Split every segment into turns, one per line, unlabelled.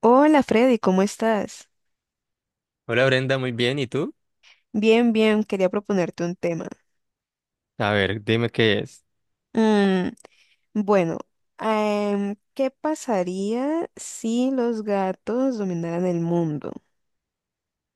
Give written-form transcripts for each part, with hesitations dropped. Hola Freddy, ¿cómo estás?
Hola Brenda, muy bien. ¿Y tú?
Bien, bien, quería proponerte un tema.
A ver, dime qué es.
Mm, bueno, ¿Qué pasaría si los gatos dominaran el mundo?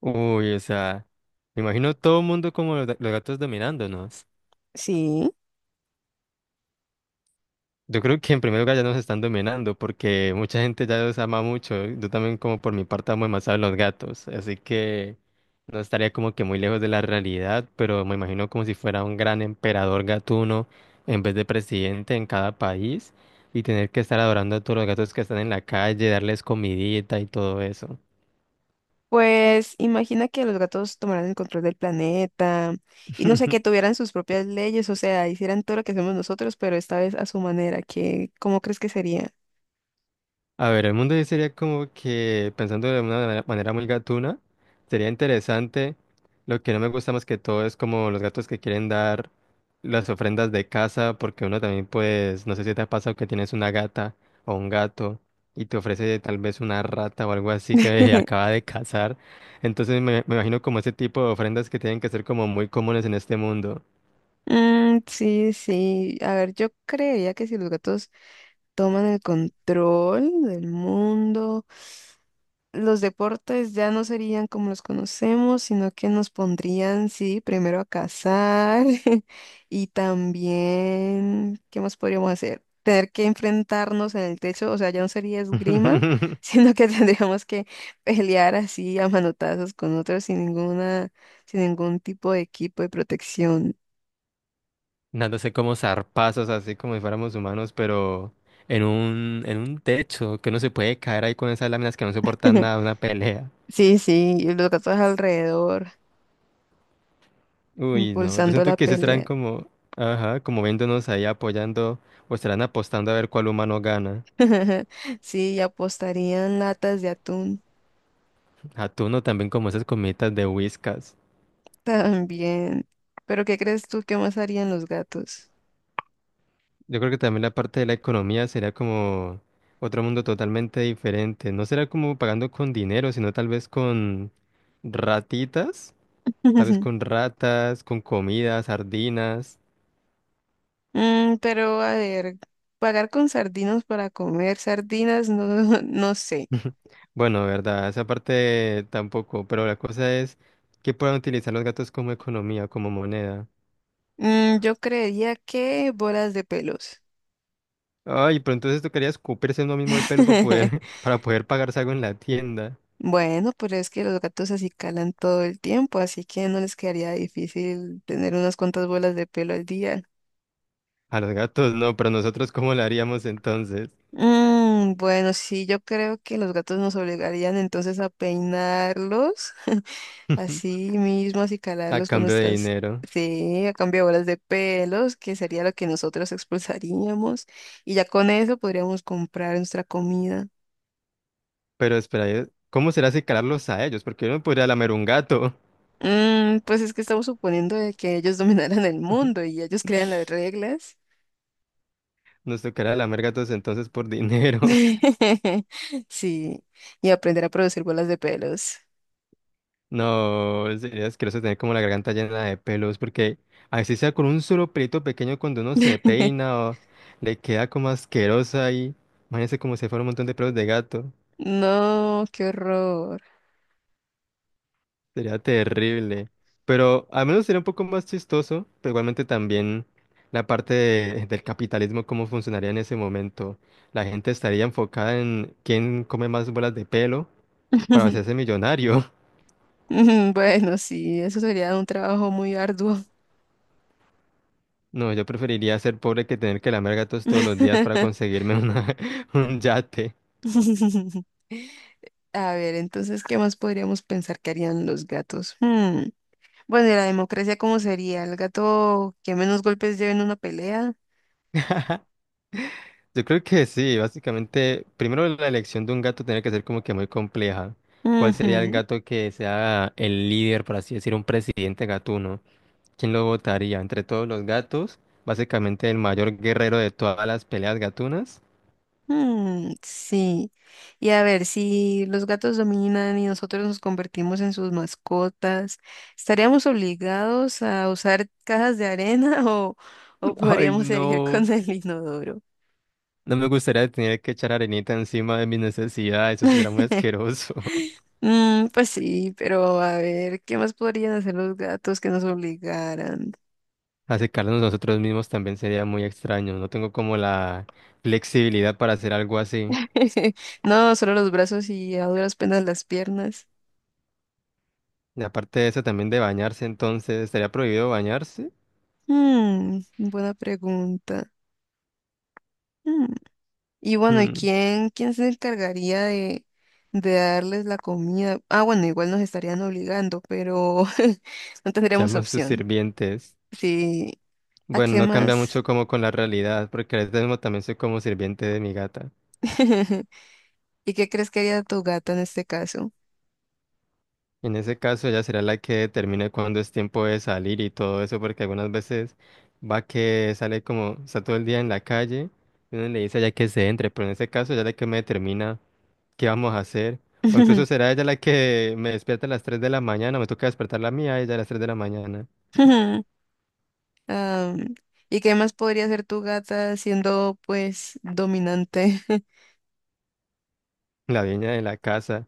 Uy, o sea, me imagino todo el mundo como los, los gatos dominándonos.
Sí,
Yo creo que en primer lugar ya nos están dominando porque mucha gente ya los ama mucho. Yo también como por mi parte amo demasiado a los gatos. Así que no estaría como que muy lejos de la realidad, pero me imagino como si fuera un gran emperador gatuno en vez de presidente en cada país y tener que estar adorando a todos los gatos que están en la calle, darles comidita y todo eso.
pues imagina que los gatos tomaran el control del planeta y no sé, que tuvieran sus propias leyes, o sea, hicieran todo lo que hacemos nosotros, pero esta vez a su manera, ¿cómo crees que sería?
A ver, el mundo ahí sería como que, pensando de una manera muy gatuna, sería interesante. Lo que no me gusta más que todo es como los gatos que quieren dar las ofrendas de casa, porque uno también, pues, no sé si te ha pasado que tienes una gata o un gato y te ofrece tal vez una rata o algo así que acaba de cazar. Entonces me imagino como ese tipo de ofrendas que tienen que ser como muy comunes en este mundo.
Mm, sí, sí. A ver, yo creería que si los gatos toman el control del mundo. Los deportes ya no serían como los conocemos, sino que nos pondrían, sí, primero a cazar. Y también, ¿qué más podríamos hacer? Tener que enfrentarnos en el techo, o sea, ya no sería esgrima, sino que tendríamos que pelear así a manotazos con otros sin ningún tipo de equipo de protección.
Dándose como zarpazos, así como si fuéramos humanos, pero en un techo, que uno se puede caer ahí con esas láminas que no soportan nada, una pelea.
Sí, sí, y los gatos alrededor,
Uy, no, yo
impulsando
siento
la
que se estarán
pelea.
como, ajá, como viéndonos ahí apoyando, o estarán apostando a ver cuál humano gana.
Sí, y apostarían latas de atún
Atuno también como esas comitas de Whiskas.
también. Pero ¿qué crees tú que más harían los gatos?
Yo creo que también la parte de la economía sería como otro mundo totalmente diferente. No será como pagando con dinero, sino tal vez con ratitas. Tal vez con ratas, con comidas, sardinas.
Mm, pero a ver, pagar con sardinos para comer sardinas, no, no sé.
Bueno, verdad, esa parte tampoco, pero la cosa es que puedan utilizar los gatos como economía, como moneda.
Mm, yo creería que bolas de pelos.
Ay, pero entonces tocaría escupirse uno mismo el pelo para poder, para poder pagarse algo en la tienda.
Bueno, pero es que los gatos así calan todo el tiempo, así que no les quedaría difícil tener unas cuantas bolas de pelo al día.
A los gatos no, pero nosotros ¿cómo lo haríamos entonces?
Mm, bueno, sí, yo creo que los gatos nos obligarían entonces a peinarlos así mismos y
A
calarlos con
cambio de
nuestras,
dinero.
sí, a cambio de bolas de pelos, que sería lo que nosotros expulsaríamos. Y ya con eso podríamos comprar nuestra comida.
Pero espera, ¿cómo será secarlos a ellos? Porque yo no podría lamer un gato.
Mm, pues es que estamos suponiendo de que ellos dominaran el mundo y ellos crean las reglas.
Nos tocará lamer gatos entonces por dinero.
Sí, y aprender a producir bolas de pelos.
No, sería asqueroso tener como la garganta llena de pelos, porque así sea con un solo pelito pequeño cuando uno se peina o le queda como asquerosa ahí. Imagínense como si fuera un montón de pelos de gato.
No, qué horror.
Sería terrible. Pero al menos sería un poco más chistoso, pero igualmente también la parte del capitalismo, cómo funcionaría en ese momento. La gente estaría enfocada en quién come más bolas de pelo para hacerse millonario.
Bueno, sí, eso sería un trabajo muy arduo.
No, yo preferiría ser pobre que tener que lamer gatos todos los días para conseguirme una, un yate.
A ver, entonces, ¿qué más podríamos pensar que harían los gatos? Bueno, ¿y la democracia cómo sería? ¿El gato que menos golpes lleve en una pelea?
Yo creo que sí, básicamente, primero la elección de un gato tiene que ser como que muy compleja. ¿Cuál sería el gato que sea el líder, por así decir, un presidente gatuno? ¿Quién lo votaría? Entre todos los gatos, básicamente el mayor guerrero de todas las peleas gatunas.
Ujú, mm, sí. Y a ver, si los gatos dominan y nosotros nos convertimos en sus mascotas, ¿estaríamos obligados a usar cajas de arena o
Ay,
podríamos seguir
no.
con el inodoro?
No me gustaría tener que echar arenita encima de mis necesidades, eso será muy asqueroso.
Mm, pues sí, pero a ver, ¿qué más podrían hacer los gatos que nos obligaran?
Acercarnos nosotros mismos también sería muy extraño. No tengo como la flexibilidad para hacer algo así.
No, solo los brazos y a duras penas las piernas.
Y aparte de eso, también de bañarse, entonces, ¿estaría prohibido bañarse?
Mm, buena pregunta. Mm. Y bueno,
Mm,
¿quién se encargaría de darles la comida? Ah, bueno, igual nos estarían obligando, pero no tendríamos
Seamos sus
opción.
sirvientes.
Sí, ¿a
Bueno,
qué
no cambia
más?
mucho como con la realidad, porque ahora mismo también soy como sirviente de mi gata.
¿Y qué crees que haría tu gata en este caso?
En ese caso, ella será la que determine cuándo es tiempo de salir y todo eso, porque algunas veces va que sale como, está todo el día en la calle, y uno le dice ya que se entre, pero en ese caso, ya la que me determina. ¿Qué vamos a hacer? O incluso será ella la que me despierta a las 3 de la mañana, me toca despertar la mía, a ella a las 3 de la mañana,
Ah, ¿y qué más podría hacer tu gata siendo pues dominante?
la dueña de la casa.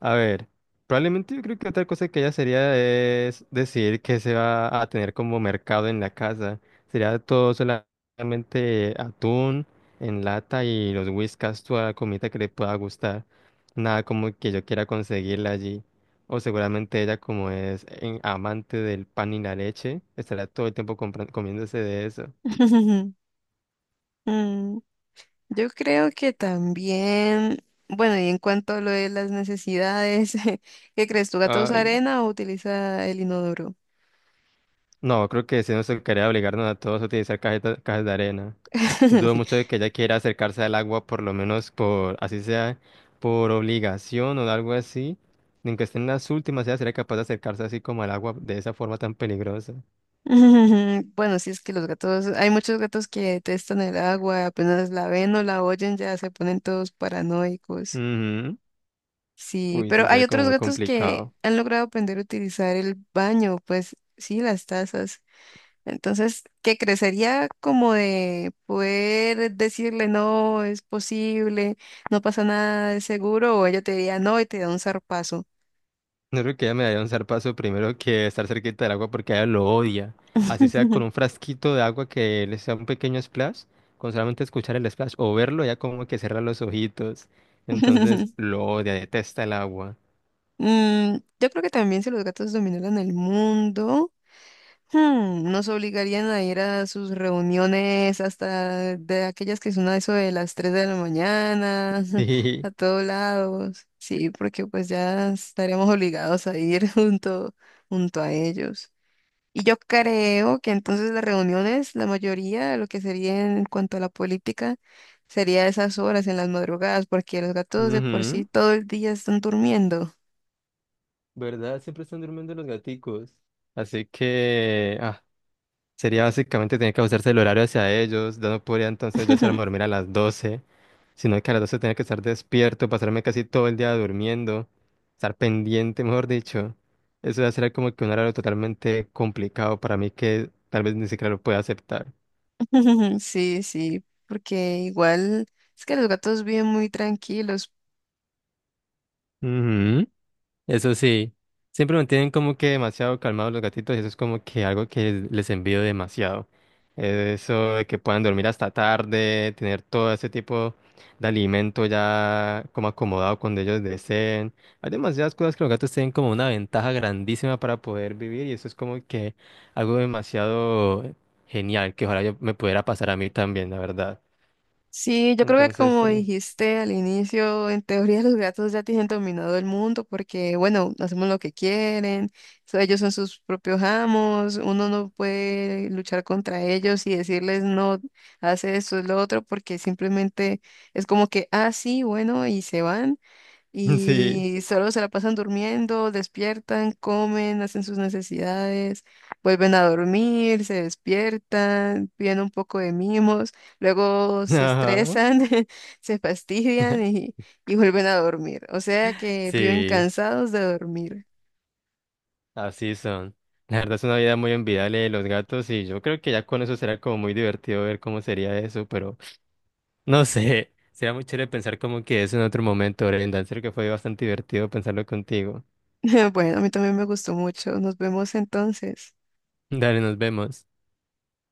A ver, probablemente yo creo que otra cosa que ella sería es decidir qué se va a tener como mercado en la casa. Sería todo solamente atún en lata y los whiskas, toda la comida que le pueda gustar. Nada como que yo quiera conseguirla allí. O seguramente ella como es amante del pan y la leche, estará todo el tiempo comiéndose de eso.
Mm, yo creo que también, bueno, y en cuanto a lo de las necesidades, ¿qué crees? ¿Tu gato usa arena o utiliza el inodoro?
No, creo que si no se quería obligarnos a todos a utilizar cajas de arena. Dudo mucho de que ella quiera acercarse al agua, por lo menos por, así sea, por obligación o algo así. Ni aunque esté en las últimas, ella sería capaz de acercarse así como al agua de esa forma tan peligrosa.
Mm, bueno, sí es que los gatos, hay muchos gatos que detestan el agua, apenas la ven o la oyen ya se ponen todos paranoicos.
Ujú.
Sí,
Uy,
pero
sí,
hay
sería como
otros
muy
gatos que
complicado.
han logrado aprender a utilizar el baño, pues sí, las tazas. Entonces, que crecería como de poder decirle, no, es posible, no pasa nada, es seguro, o ella te diría, no, y te da un zarpazo.
No creo que ella me daría un zarpazo primero que estar cerquita del agua porque ella lo odia. Así sea con un frasquito de agua que le sea un pequeño splash, con solamente escuchar el splash o verlo, ya como que cierra los ojitos. Entonces lo odia, detesta el agua.
Mm, yo creo que también si los gatos dominaran el mundo. Hmm, nos obligarían a ir a sus reuniones hasta de aquellas que son a eso de las 3 de la mañana,
Sí.
a todos lados. Sí, porque pues ya estaremos obligados a ir junto a ellos. Y yo creo que entonces las reuniones, la mayoría de lo que sería en cuanto a la política, sería a esas horas en las madrugadas, porque los gatos de por sí
Ujú.
todo el día están durmiendo.
¿Verdad? Siempre están durmiendo los gaticos. Así que, sería básicamente tener que ajustarse el horario hacia ellos. Yo no podría entonces yo echarme a dormir a las 12, sino que a las 12 tenía que estar despierto, pasarme casi todo el día durmiendo, estar pendiente, mejor dicho. Eso va a ser como que un horario totalmente complicado para mí que tal vez ni siquiera lo pueda aceptar.
Sí, sí, porque igual es que los gatos viven muy tranquilos.
Ujú. Eso sí, siempre me tienen como que demasiado calmados los gatitos y eso es como que algo que les envío demasiado. Eso de que puedan dormir hasta tarde, tener todo ese tipo de alimento ya como acomodado cuando ellos deseen. Hay demasiadas cosas que los gatos tienen como una ventaja grandísima para poder vivir y eso es como que algo demasiado genial que ojalá yo me pudiera pasar a mí también, la verdad.
Sí, yo creo que
Entonces
como
sí,
dijiste al inicio, en teoría los gatos ya tienen dominado el mundo porque, bueno, hacemos lo que quieren, ellos son sus propios amos, uno no puede luchar contra ellos y decirles no, hace esto, es lo otro, porque simplemente es como que, ah, sí, bueno, y se van.
sí,
Y solo se la pasan durmiendo, despiertan, comen, hacen sus necesidades, vuelven a dormir, se despiertan, piden un poco de mimos, luego se
ajá,
estresan, se fastidian y vuelven a dormir. O sea que viven
sí.
cansados de dormir.
Así son. La verdad es una vida muy envidiable de los gatos y yo creo que ya con eso será como muy divertido ver cómo sería eso, pero no sé, será muy chévere pensar como que eso en otro momento, Brenda. En serio que fue bastante divertido pensarlo contigo.
Bueno, a mí también me gustó mucho. Nos vemos entonces.
Dale, nos vemos.